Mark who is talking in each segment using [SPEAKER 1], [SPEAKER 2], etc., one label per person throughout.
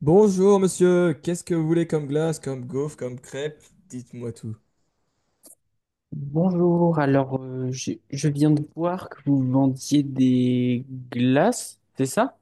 [SPEAKER 1] Bonjour monsieur, qu'est-ce que vous voulez comme glace, comme gaufre, comme crêpe? Dites-moi tout.
[SPEAKER 2] Bonjour. Alors je viens de voir que vous vendiez des glaces, c'est ça?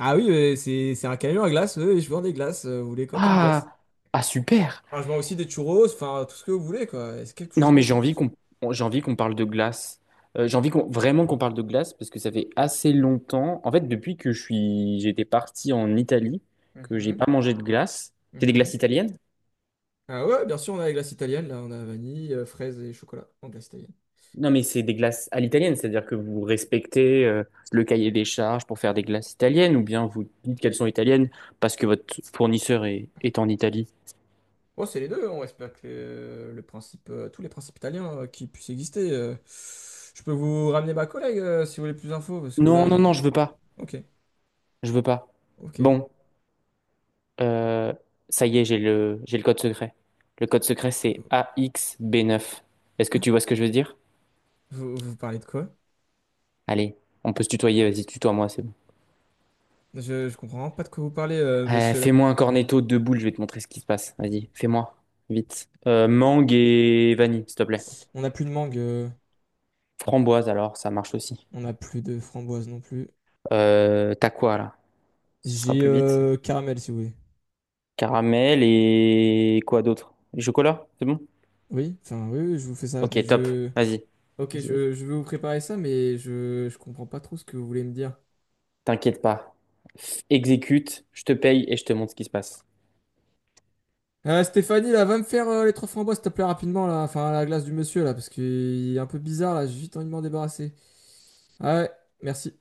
[SPEAKER 1] Ah oui, c'est un camion à glace, oui, je vends des glaces. Vous voulez quoi comme glace?
[SPEAKER 2] Ah, ah super.
[SPEAKER 1] Enfin, je vends aussi des churros, enfin tout ce que vous voulez quoi. Est-ce que vous
[SPEAKER 2] Non mais
[SPEAKER 1] aimez
[SPEAKER 2] j'ai
[SPEAKER 1] comme tout
[SPEAKER 2] envie
[SPEAKER 1] ce
[SPEAKER 2] qu'on
[SPEAKER 1] que.
[SPEAKER 2] J'ai envie qu'on parle de glace. J'ai envie qu'on vraiment qu'on parle de glace parce que ça fait assez longtemps. En fait, depuis que je suis j'étais parti en Italie, que j'ai
[SPEAKER 1] Mhm,
[SPEAKER 2] pas mangé de glace. C'est des
[SPEAKER 1] mhm.
[SPEAKER 2] glaces italiennes?
[SPEAKER 1] Ah ouais, bien sûr, on a les glaces italiennes, là, on a vanille, fraise et chocolat en glace italienne.
[SPEAKER 2] Non mais c'est des glaces à l'italienne, c'est-à-dire que vous respectez le cahier des charges pour faire des glaces italiennes, ou bien vous dites qu'elles sont italiennes parce que votre fournisseur est en Italie.
[SPEAKER 1] Bon, c'est les deux, on respecte le principe, tous les principes italiens qui puissent exister. Je peux vous ramener ma collègue si vous voulez plus d'infos, parce que là.
[SPEAKER 2] Non, non, non, je veux pas.
[SPEAKER 1] Ok,
[SPEAKER 2] Je veux pas.
[SPEAKER 1] ok.
[SPEAKER 2] Bon, euh, ça y est, j'ai le code secret. Le code secret, c'est a x b neuf. Est-ce que tu vois ce que je veux dire?
[SPEAKER 1] Vous parlez de quoi?
[SPEAKER 2] Allez, on peut se tutoyer, vas-y, tutoie-moi, c'est bon.
[SPEAKER 1] Je comprends vraiment pas de quoi vous parlez, monsieur là.
[SPEAKER 2] Fais-moi un cornetto de boules, je vais te montrer ce qui se passe. Vas-y, fais-moi, vite.
[SPEAKER 1] Euh,
[SPEAKER 2] Mangue et vanille, s'il te plaît.
[SPEAKER 1] On n'a plus de mangue,
[SPEAKER 2] Framboise, alors, ça marche aussi.
[SPEAKER 1] on n'a plus de framboise non plus.
[SPEAKER 2] T'as quoi, là? Ce sera
[SPEAKER 1] J'ai
[SPEAKER 2] plus vite.
[SPEAKER 1] caramel si vous voulez.
[SPEAKER 2] Caramel et quoi d'autre? Chocolat, c'est bon?
[SPEAKER 1] Oui, enfin oui, oui, je vous fais ça,
[SPEAKER 2] Ok,
[SPEAKER 1] mais
[SPEAKER 2] top,
[SPEAKER 1] je.
[SPEAKER 2] vas-y.
[SPEAKER 1] Ok,
[SPEAKER 2] Vas-y,
[SPEAKER 1] je vais vous préparer ça, mais je comprends pas trop ce que vous voulez me dire.
[SPEAKER 2] t'inquiète pas. Exécute, je te paye et je te montre ce qui se passe.
[SPEAKER 1] Stéphanie, là, va me faire les trois framboises, s'il te plaît, rapidement, là. Enfin, la glace du monsieur, là, parce qu'il est un peu bizarre, là. J'ai vite envie de m'en débarrasser. Ah ouais, merci.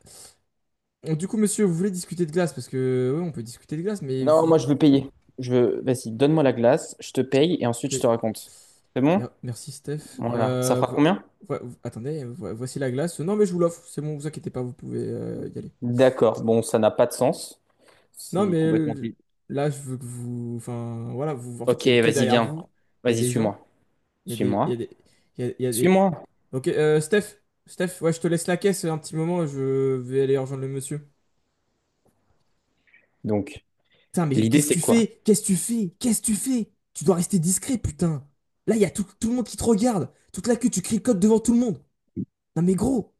[SPEAKER 1] Donc, du coup, monsieur, vous voulez discuter de glace, parce que, oui, on peut discuter de glace, mais
[SPEAKER 2] Non,
[SPEAKER 1] vous.
[SPEAKER 2] moi je veux payer. Je veux... Vas-y, donne-moi la glace, je te paye et ensuite je
[SPEAKER 1] Ok.
[SPEAKER 2] te raconte. C'est bon?
[SPEAKER 1] Merci Steph.
[SPEAKER 2] Voilà. Ça fera combien?
[SPEAKER 1] Attendez, voici la glace. Non mais je vous l'offre, c'est bon, vous inquiétez pas, vous pouvez y aller.
[SPEAKER 2] D'accord. Bon, ça n'a pas de sens.
[SPEAKER 1] Non
[SPEAKER 2] C'est
[SPEAKER 1] mais
[SPEAKER 2] complètement...
[SPEAKER 1] là je veux que vous, enfin voilà, vous, en fait il
[SPEAKER 2] Ok,
[SPEAKER 1] y a une queue
[SPEAKER 2] vas-y,
[SPEAKER 1] derrière
[SPEAKER 2] viens.
[SPEAKER 1] vous, il y a
[SPEAKER 2] Vas-y,
[SPEAKER 1] des gens,
[SPEAKER 2] suis-moi.
[SPEAKER 1] il y a des, il y
[SPEAKER 2] Suis-moi.
[SPEAKER 1] a des, il y a des.
[SPEAKER 2] Suis-moi.
[SPEAKER 1] Ok, Steph, ouais je te laisse la caisse un petit moment, je vais aller rejoindre le monsieur.
[SPEAKER 2] Donc,
[SPEAKER 1] Putain mais
[SPEAKER 2] l'idée
[SPEAKER 1] qu'est-ce que
[SPEAKER 2] c'est
[SPEAKER 1] tu
[SPEAKER 2] quoi?
[SPEAKER 1] fais? Qu'est-ce que tu fais? Qu'est-ce que tu fais? Tu dois rester discret putain. Là il y a tout le monde qui te regarde, toute la queue, tu cricotes devant tout le monde. Non mais gros,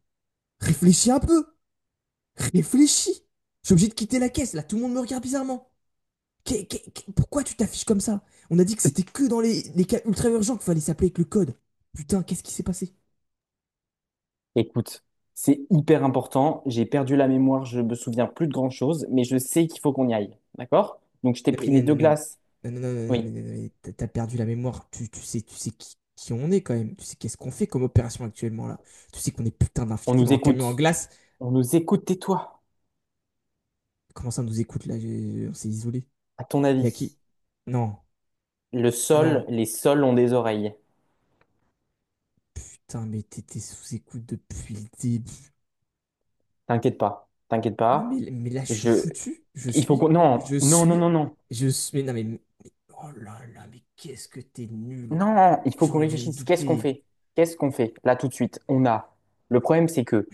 [SPEAKER 1] réfléchis un peu. Réfléchis. Je suis obligé de quitter la caisse. Là, tout le monde me regarde bizarrement. Pourquoi tu t'affiches comme ça? On a dit que c'était que dans les cas ultra urgents qu'il fallait s'appeler avec le code. Putain, qu'est-ce qui s'est passé?
[SPEAKER 2] Écoute, c'est hyper important. J'ai perdu la mémoire, je me souviens plus de grand-chose, mais je sais qu'il faut qu'on y aille. D'accord? Donc, je t'ai
[SPEAKER 1] Non mais
[SPEAKER 2] pris les
[SPEAKER 1] non, non,
[SPEAKER 2] deux
[SPEAKER 1] non,
[SPEAKER 2] glaces.
[SPEAKER 1] non, non, non, non, non, mais,
[SPEAKER 2] Oui,
[SPEAKER 1] non, mais t'as perdu la mémoire. Tu sais, tu sais qui on est quand même. Tu sais qu'est-ce qu'on fait comme opération actuellement là. Tu sais qu'on est putain
[SPEAKER 2] on
[SPEAKER 1] d'infiltrés
[SPEAKER 2] nous
[SPEAKER 1] dans un camion en
[SPEAKER 2] écoute.
[SPEAKER 1] glace.
[SPEAKER 2] On nous écoute, tais-toi.
[SPEAKER 1] Comment ça on nous écoute là? On s'est isolé.
[SPEAKER 2] À ton
[SPEAKER 1] Y a
[SPEAKER 2] avis,
[SPEAKER 1] qui? Non, non.
[SPEAKER 2] les sols ont des oreilles.
[SPEAKER 1] Putain, mais t'étais sous écoute depuis le début.
[SPEAKER 2] T'inquiète pas, t'inquiète
[SPEAKER 1] Non
[SPEAKER 2] pas.
[SPEAKER 1] mais là je suis
[SPEAKER 2] Je,
[SPEAKER 1] foutu, je
[SPEAKER 2] il faut
[SPEAKER 1] suis,
[SPEAKER 2] qu'on, non,
[SPEAKER 1] je
[SPEAKER 2] non, non,
[SPEAKER 1] suis,
[SPEAKER 2] non, non,
[SPEAKER 1] je suis. Mais non mais, oh là là, mais qu'est-ce que t'es nul.
[SPEAKER 2] non. Il faut qu'on
[SPEAKER 1] J'aurais dû me
[SPEAKER 2] réfléchisse. Qu'est-ce qu'on
[SPEAKER 1] douter.
[SPEAKER 2] fait? Qu'est-ce qu'on fait là tout de suite? On a. Le problème, c'est que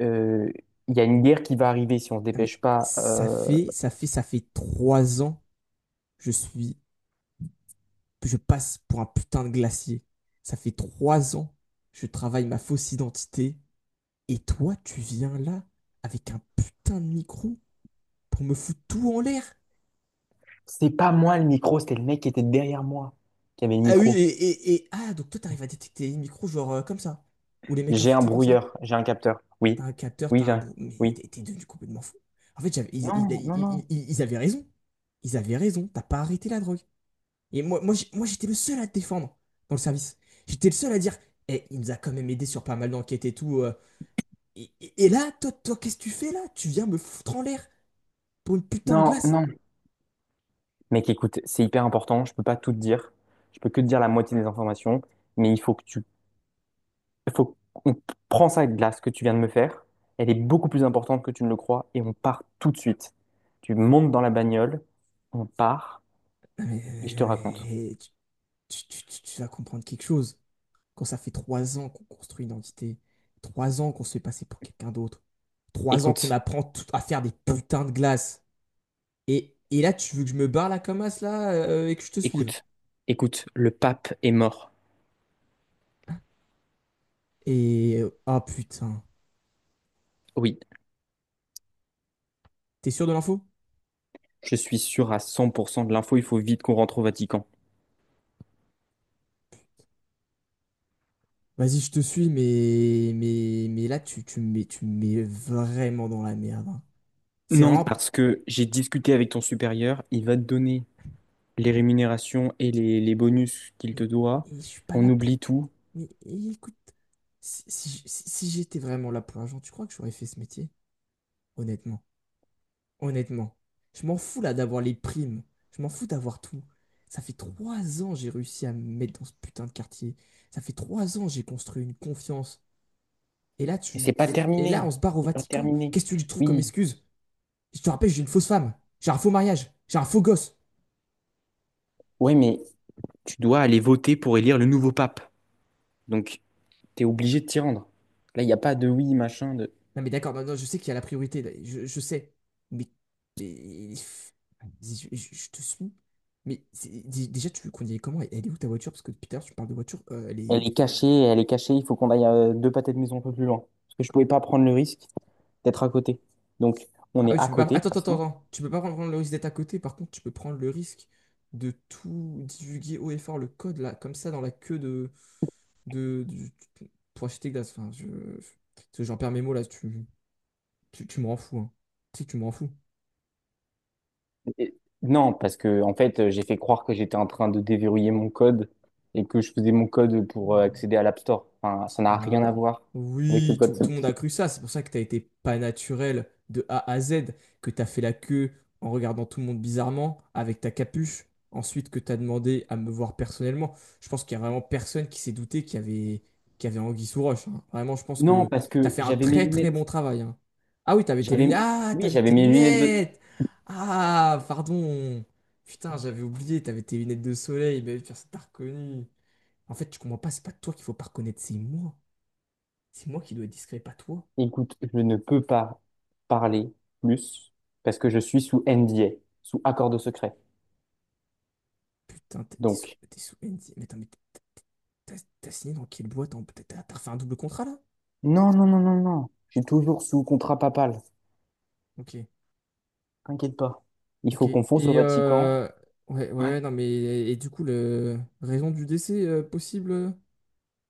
[SPEAKER 2] euh, il y a une guerre qui va arriver si on se
[SPEAKER 1] Non mais
[SPEAKER 2] dépêche pas.
[SPEAKER 1] ça fait, ça fait, ça fait 3 ans. que Je suis, que je passe pour un putain de glacier. Ça fait trois ans que je travaille ma fausse identité. Et toi, tu viens là avec un putain de micro pour me foutre tout en l'air.
[SPEAKER 2] C'est pas moi le micro, c'était le mec qui était derrière moi qui avait le
[SPEAKER 1] Ah oui et,
[SPEAKER 2] micro.
[SPEAKER 1] et, et ah donc toi t'arrives à détecter les micros genre comme ça ou les mecs
[SPEAKER 2] J'ai un
[SPEAKER 1] infiltrés comme ça.
[SPEAKER 2] brouilleur, j'ai un capteur.
[SPEAKER 1] T'as
[SPEAKER 2] Oui,
[SPEAKER 1] un capteur,
[SPEAKER 2] oui,
[SPEAKER 1] Mais
[SPEAKER 2] oui.
[SPEAKER 1] t'es devenu complètement fou. En fait, ils,
[SPEAKER 2] Non,
[SPEAKER 1] ils-
[SPEAKER 2] non, non,
[SPEAKER 1] ils- ils- ils avaient raison. Ils avaient raison. T'as pas arrêté la drogue. Et moi j'étais le seul à te défendre dans le service. J'étais le seul à dire, eh, il nous a quand même aidé sur pas mal d'enquêtes et tout. Et là, toi, toi, qu'est-ce que tu fais là? Tu viens me foutre en l'air pour une putain de
[SPEAKER 2] non,
[SPEAKER 1] glace.
[SPEAKER 2] non. Mec, écoute, c'est hyper important. Je peux pas tout te dire. Je peux que te dire la moitié des informations. Mais il faut que tu, il faut qu'on prend ça avec glace que tu viens de me faire. Elle est beaucoup plus importante que tu ne le crois et on part tout de suite. Tu montes dans la bagnole, on part
[SPEAKER 1] Non, mais,
[SPEAKER 2] et je
[SPEAKER 1] non,
[SPEAKER 2] te raconte.
[SPEAKER 1] mais, eh, tu vas comprendre quelque chose. Quand ça fait 3 ans qu'on construit une identité, 3 ans qu'on se fait passer pour quelqu'un d'autre, 3 ans qu'on
[SPEAKER 2] Écoute,
[SPEAKER 1] apprend à faire des putains de glaces. Et là, tu veux que je me barre la comme as, là, et que je te suive.
[SPEAKER 2] écoute, écoute, le pape est mort.
[SPEAKER 1] Ah, putain.
[SPEAKER 2] Oui,
[SPEAKER 1] T'es sûr de l'info?
[SPEAKER 2] je suis sûr à 100% de l'info. Il faut vite qu'on rentre au Vatican.
[SPEAKER 1] Vas-y, je te suis, mais. Là, tu, tu me mets vraiment dans la merde, hein. C'est
[SPEAKER 2] Non,
[SPEAKER 1] vraiment.
[SPEAKER 2] parce que j'ai discuté avec ton supérieur. Il va te donner les rémunérations et les bonus qu'il te
[SPEAKER 1] Mais,
[SPEAKER 2] doit.
[SPEAKER 1] mais je suis pas
[SPEAKER 2] On
[SPEAKER 1] là pour.
[SPEAKER 2] oublie tout.
[SPEAKER 1] Mais et écoute, si j'étais vraiment là pour l'argent, tu crois que j'aurais fait ce métier? Honnêtement. Honnêtement. Je m'en fous, là, d'avoir les primes. Je m'en fous d'avoir tout. Ça fait trois ans j'ai réussi à me mettre dans ce putain de quartier. Ça fait 3 ans j'ai construit une confiance. Et là,
[SPEAKER 2] Et c'est
[SPEAKER 1] tu...
[SPEAKER 2] pas
[SPEAKER 1] et et là, on
[SPEAKER 2] terminé.
[SPEAKER 1] se barre au
[SPEAKER 2] C'est pas
[SPEAKER 1] Vatican.
[SPEAKER 2] terminé.
[SPEAKER 1] Qu'est-ce que tu lui trouves comme
[SPEAKER 2] Oui,
[SPEAKER 1] excuse? Je te rappelle, j'ai une fausse femme. J'ai un faux mariage. J'ai un faux gosse.
[SPEAKER 2] ouais, mais tu dois aller voter pour élire le nouveau pape. Donc, t'es obligé de t'y rendre. Là, il n'y a pas de oui, machin, de...
[SPEAKER 1] Non, mais d'accord, non, non, je sais qu'il y a la priorité. Je sais. Mais, mais- je te suis. Mais déjà, tu veux qu'on y aille comment? Elle est où ta voiture? Parce que depuis tout à l'heure, tu parles de voiture. Elle est.
[SPEAKER 2] Elle est cachée, il faut qu'on aille deux pâtés de maison un peu plus loin. Parce que je pouvais
[SPEAKER 1] comment-
[SPEAKER 2] pas prendre le risque d'être à côté. Donc, on
[SPEAKER 1] Ah
[SPEAKER 2] est
[SPEAKER 1] oui,
[SPEAKER 2] à
[SPEAKER 1] tu peux pas.
[SPEAKER 2] côté, de
[SPEAKER 1] Attends,
[SPEAKER 2] toute
[SPEAKER 1] attends, attends,
[SPEAKER 2] façon.
[SPEAKER 1] attends. Tu peux pas prendre le risque d'être à côté. Par contre, tu peux prendre le risque de tout divulguer haut et fort le code, là, comme ça, dans la queue de, du- pour acheter glace. Enfin, parce que j'en perds mes mots là, tu me rends fou, hein. Tu sais que tu me rends fou.
[SPEAKER 2] Et- Non, parce que en fait, j'ai fait croire que j'étais en train de déverrouiller mon code et que je faisais mon code pour accéder à l'App Store. Enfin, ça n'a rien à
[SPEAKER 1] Ah,
[SPEAKER 2] voir avec le
[SPEAKER 1] oui,
[SPEAKER 2] code.
[SPEAKER 1] tout le monde
[SPEAKER 2] Source.
[SPEAKER 1] a cru ça. C'est pour ça que t'as été pas naturel de A à Z, que t'as fait la queue en regardant tout le monde bizarrement avec ta capuche. Ensuite, que t'as demandé à me voir personnellement. Je pense qu'il y a vraiment personne qui s'est douté qu'il y avait anguille sous roche, hein. Vraiment, je pense
[SPEAKER 2] Non,
[SPEAKER 1] que
[SPEAKER 2] parce
[SPEAKER 1] t'as
[SPEAKER 2] que
[SPEAKER 1] fait un
[SPEAKER 2] j'avais mes
[SPEAKER 1] très très bon
[SPEAKER 2] lunettes.
[SPEAKER 1] travail, hein. Ah oui, t'avais tes
[SPEAKER 2] J'avais,
[SPEAKER 1] lunettes. Ah,
[SPEAKER 2] oui,
[SPEAKER 1] t'avais
[SPEAKER 2] j'avais
[SPEAKER 1] tes
[SPEAKER 2] mes lunettes de.
[SPEAKER 1] lunettes. Ah, pardon. Putain, j'avais oublié, t'avais tes lunettes de soleil. Mais personne t'a reconnu. En fait, tu comprends pas, c'est pas toi qu'il faut pas reconnaître, c'est moi. C'est moi qui dois être discret, pas toi.
[SPEAKER 2] Écoute, je ne peux pas parler plus parce que je suis sous NDA, sous accord de secret.
[SPEAKER 1] Putain, t'es t'es sous,
[SPEAKER 2] Donc,
[SPEAKER 1] t'es sous NDA. Mais attends, mais t'as t'as signé dans quelle boîte? T'as refait un double contrat là?
[SPEAKER 2] non, non, non, non, non. Je suis toujours sous contrat papal.
[SPEAKER 1] Ok,
[SPEAKER 2] T'inquiète pas. Il
[SPEAKER 1] ok.
[SPEAKER 2] faut qu'on fonce au
[SPEAKER 1] Et
[SPEAKER 2] Vatican.
[SPEAKER 1] euh... ouais, ouais,
[SPEAKER 2] Ouais.
[SPEAKER 1] ouais, non, mais et, du coup, le raison du décès possible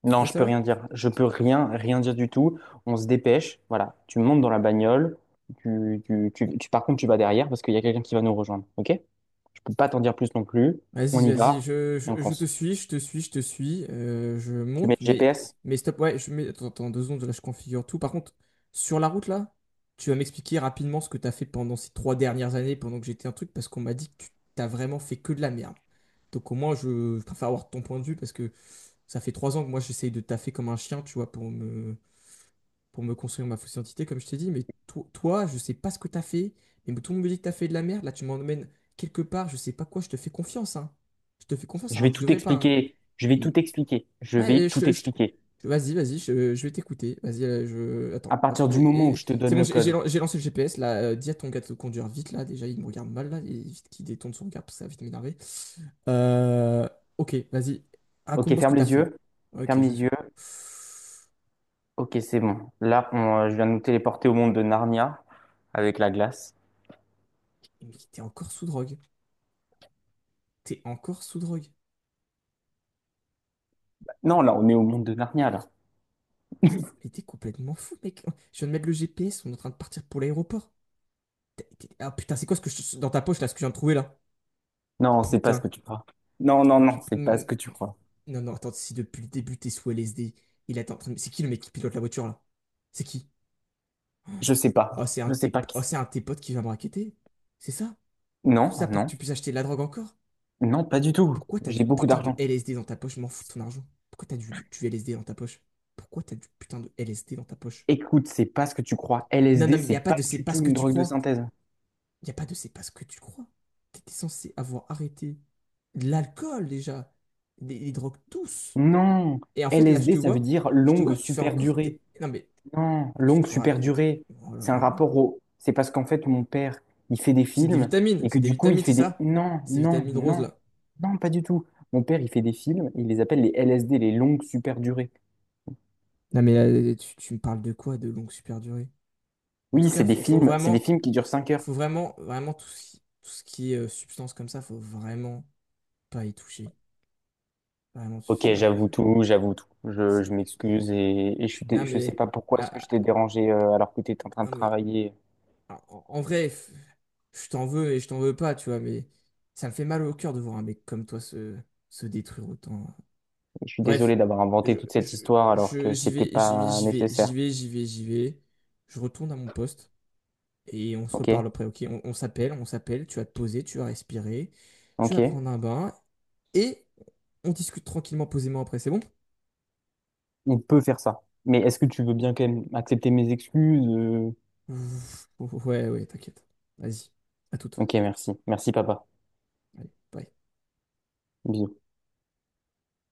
[SPEAKER 2] Non,
[SPEAKER 1] à
[SPEAKER 2] je peux
[SPEAKER 1] savoir?
[SPEAKER 2] rien dire. Je peux rien, rien dire du tout. On se dépêche. Voilà. Tu montes dans la bagnole. Par contre, tu vas derrière parce qu'il y a quelqu'un qui va nous rejoindre. OK? Je peux pas t'en dire plus non plus. On
[SPEAKER 1] Vas-y,
[SPEAKER 2] y
[SPEAKER 1] vas-y,
[SPEAKER 2] va et on
[SPEAKER 1] je te
[SPEAKER 2] fonce.
[SPEAKER 1] suis, je te suis, je te suis, je
[SPEAKER 2] Tu mets
[SPEAKER 1] monte,
[SPEAKER 2] le
[SPEAKER 1] mais,
[SPEAKER 2] GPS.
[SPEAKER 1] mais stop, ouais, je mets, attends, attends, 2 secondes, là, je configure tout. Par contre, sur la route, là, tu vas m'expliquer rapidement ce que t'as fait pendant ces 3 dernières années, pendant que j'étais un truc, parce qu'on m'a dit que tu t'as vraiment fait que de la merde. Donc au moins, je préfère avoir ton point de vue, parce que ça fait 3 ans que moi, j'essaye de taffer comme un chien, tu vois, pour me construire ma fausse identité, comme je t'ai dit, mais toi, je sais pas ce que t'as fait, mais tout le monde me dit que t'as fait de la merde, là tu m'emmènes quelque part, je sais pas quoi, je te fais confiance, hein. Je te fais confiance
[SPEAKER 2] Je
[SPEAKER 1] alors
[SPEAKER 2] vais
[SPEAKER 1] que je
[SPEAKER 2] tout
[SPEAKER 1] devrais pas, hein.
[SPEAKER 2] expliquer. Je vais
[SPEAKER 1] Mm.
[SPEAKER 2] tout expliquer. Je
[SPEAKER 1] Ah,
[SPEAKER 2] vais tout expliquer.
[SPEAKER 1] Vas-y, vas-y, je vais t'écouter. Vas-y, je.
[SPEAKER 2] À
[SPEAKER 1] Attends, hop.
[SPEAKER 2] partir du moment où je te
[SPEAKER 1] C'est
[SPEAKER 2] donne
[SPEAKER 1] bon,
[SPEAKER 2] le
[SPEAKER 1] j'ai j'ai
[SPEAKER 2] code.
[SPEAKER 1] lan- j'ai lancé le GPS, là. Dis à ton gars de conduire vite, là. Déjà, il me regarde mal, là. Et vite qu'il détourne son regard, parce que ça va vite m'énerver. Euh, Ok, vas-y.
[SPEAKER 2] OK,
[SPEAKER 1] Raconte-moi ce que
[SPEAKER 2] ferme
[SPEAKER 1] t'as
[SPEAKER 2] les
[SPEAKER 1] fait.
[SPEAKER 2] yeux.
[SPEAKER 1] Ok, je
[SPEAKER 2] Ferme
[SPEAKER 1] vais
[SPEAKER 2] les
[SPEAKER 1] faire.
[SPEAKER 2] yeux. OK, c'est bon. Là, on, je viens de nous téléporter au monde de Narnia avec la glace.
[SPEAKER 1] Mais t'es encore sous drogue. T'es encore sous drogue.
[SPEAKER 2] Non, là, on est au monde de Narnia, là.
[SPEAKER 1] Mais t'es complètement fou, mec. Je viens de mettre le GPS, on est en train de partir pour l'aéroport. Et Ah putain, c'est quoi ce que je, dans ta poche là, ce que je viens de trouver là?
[SPEAKER 2] Non, c'est pas ce
[SPEAKER 1] Putain.
[SPEAKER 2] que tu crois. Non, non,
[SPEAKER 1] Mais
[SPEAKER 2] non, c'est pas ce que tu crois.
[SPEAKER 1] Non, non, attends, si depuis le début t'es sous LSD, il est en train de- C'est qui le mec qui pilote la voiture là? C'est qui?
[SPEAKER 2] Je sais
[SPEAKER 1] Oh,
[SPEAKER 2] pas.
[SPEAKER 1] c'est un
[SPEAKER 2] Je
[SPEAKER 1] de
[SPEAKER 2] sais
[SPEAKER 1] tes...
[SPEAKER 2] pas qui
[SPEAKER 1] oh,
[SPEAKER 2] c'est.
[SPEAKER 1] c'est un de tes potes qui va me raqueter. C'est ça? Tout
[SPEAKER 2] Non,
[SPEAKER 1] ça pour que
[SPEAKER 2] non,
[SPEAKER 1] tu puisses acheter de la drogue encore?
[SPEAKER 2] non, pas du tout.
[SPEAKER 1] Pourquoi t'as du
[SPEAKER 2] J'ai beaucoup
[SPEAKER 1] putain de
[SPEAKER 2] d'argent.
[SPEAKER 1] LSD dans ta poche? Je m'en fous de ton argent. Pourquoi t'as du LSD dans ta poche? Pourquoi t'as du putain de LSD dans ta poche?
[SPEAKER 2] Écoute, c'est pas ce que tu crois.
[SPEAKER 1] Non, non,
[SPEAKER 2] LSD,
[SPEAKER 1] mais il
[SPEAKER 2] c'est
[SPEAKER 1] n'y a pas
[SPEAKER 2] pas
[SPEAKER 1] de c'est
[SPEAKER 2] du
[SPEAKER 1] pas ce
[SPEAKER 2] tout
[SPEAKER 1] que
[SPEAKER 2] une
[SPEAKER 1] tu
[SPEAKER 2] drogue de
[SPEAKER 1] crois.
[SPEAKER 2] synthèse.
[SPEAKER 1] Il n'y a pas de c'est pas ce que tu crois. Tu étais censé avoir arrêté l'alcool déjà, les drogues tous.
[SPEAKER 2] Non,
[SPEAKER 1] Et en fait, là, je
[SPEAKER 2] LSD,
[SPEAKER 1] te
[SPEAKER 2] ça veut
[SPEAKER 1] vois,
[SPEAKER 2] dire
[SPEAKER 1] je te
[SPEAKER 2] longue
[SPEAKER 1] vois, tu fais
[SPEAKER 2] super
[SPEAKER 1] encore
[SPEAKER 2] durée.
[SPEAKER 1] tes. Non mais,
[SPEAKER 2] Non,
[SPEAKER 1] tu
[SPEAKER 2] longue
[SPEAKER 1] te
[SPEAKER 2] super
[SPEAKER 1] racontes.
[SPEAKER 2] durée,
[SPEAKER 1] Oh là
[SPEAKER 2] c'est un
[SPEAKER 1] là, mais.
[SPEAKER 2] rapport au. C'est parce qu'en fait, mon père, il fait des
[SPEAKER 1] C'est des
[SPEAKER 2] films
[SPEAKER 1] vitamines,
[SPEAKER 2] et que
[SPEAKER 1] c'est des
[SPEAKER 2] du coup, il
[SPEAKER 1] vitamines, c'est
[SPEAKER 2] fait des.
[SPEAKER 1] ça?
[SPEAKER 2] Non,
[SPEAKER 1] Ces
[SPEAKER 2] non,
[SPEAKER 1] vitamines roses
[SPEAKER 2] non,
[SPEAKER 1] là.
[SPEAKER 2] non, pas du tout. Mon père, il fait des films, il les appelle les LSD, les longues super durées.
[SPEAKER 1] Non mais là, tu me parles de quoi? De longue super durée. En tout
[SPEAKER 2] Oui,
[SPEAKER 1] cas, faut, faut
[SPEAKER 2] c'est des
[SPEAKER 1] vraiment,
[SPEAKER 2] films qui durent 5 heures.
[SPEAKER 1] faut vraiment, vraiment tout ce qui, est substance comme ça, faut vraiment pas y toucher. Vraiment, tu
[SPEAKER 2] Ok,
[SPEAKER 1] snaps.
[SPEAKER 2] j'avoue tout, j'avoue tout. Je
[SPEAKER 1] C'est.
[SPEAKER 2] m'excuse et je suis
[SPEAKER 1] Non
[SPEAKER 2] je sais
[SPEAKER 1] mais.
[SPEAKER 2] pas pourquoi est-ce que
[SPEAKER 1] Ah,
[SPEAKER 2] je t'ai
[SPEAKER 1] ah,
[SPEAKER 2] dérangé alors que tu étais en train de
[SPEAKER 1] non mais.
[SPEAKER 2] travailler.
[SPEAKER 1] Alors, En vrai, je t'en veux et je t'en veux pas, tu vois, mais ça me fait mal au cœur de voir un mec comme toi se détruire autant.
[SPEAKER 2] Je suis
[SPEAKER 1] Bref,
[SPEAKER 2] désolé d'avoir inventé
[SPEAKER 1] je,
[SPEAKER 2] toute cette
[SPEAKER 1] je,
[SPEAKER 2] histoire alors que
[SPEAKER 1] j'y
[SPEAKER 2] c'était
[SPEAKER 1] vais, j'y vais,
[SPEAKER 2] pas
[SPEAKER 1] j'y vais, j'y
[SPEAKER 2] nécessaire.
[SPEAKER 1] vais, j'y vais, j'y vais. Je retourne à mon poste et on se
[SPEAKER 2] Ok,
[SPEAKER 1] reparle après, ok? On s'appelle, tu vas te poser, tu vas respirer, tu vas
[SPEAKER 2] ok.
[SPEAKER 1] prendre un bain et on discute tranquillement, posément après, c'est bon?
[SPEAKER 2] Il peut faire ça. Mais est-ce que tu veux bien quand même accepter mes excuses? Euh.
[SPEAKER 1] Ouf, ouais, ouais, t'inquiète. Vas-y, à toute.
[SPEAKER 2] Ok, merci. Merci, papa.
[SPEAKER 1] Allez, bye.
[SPEAKER 2] Bisous.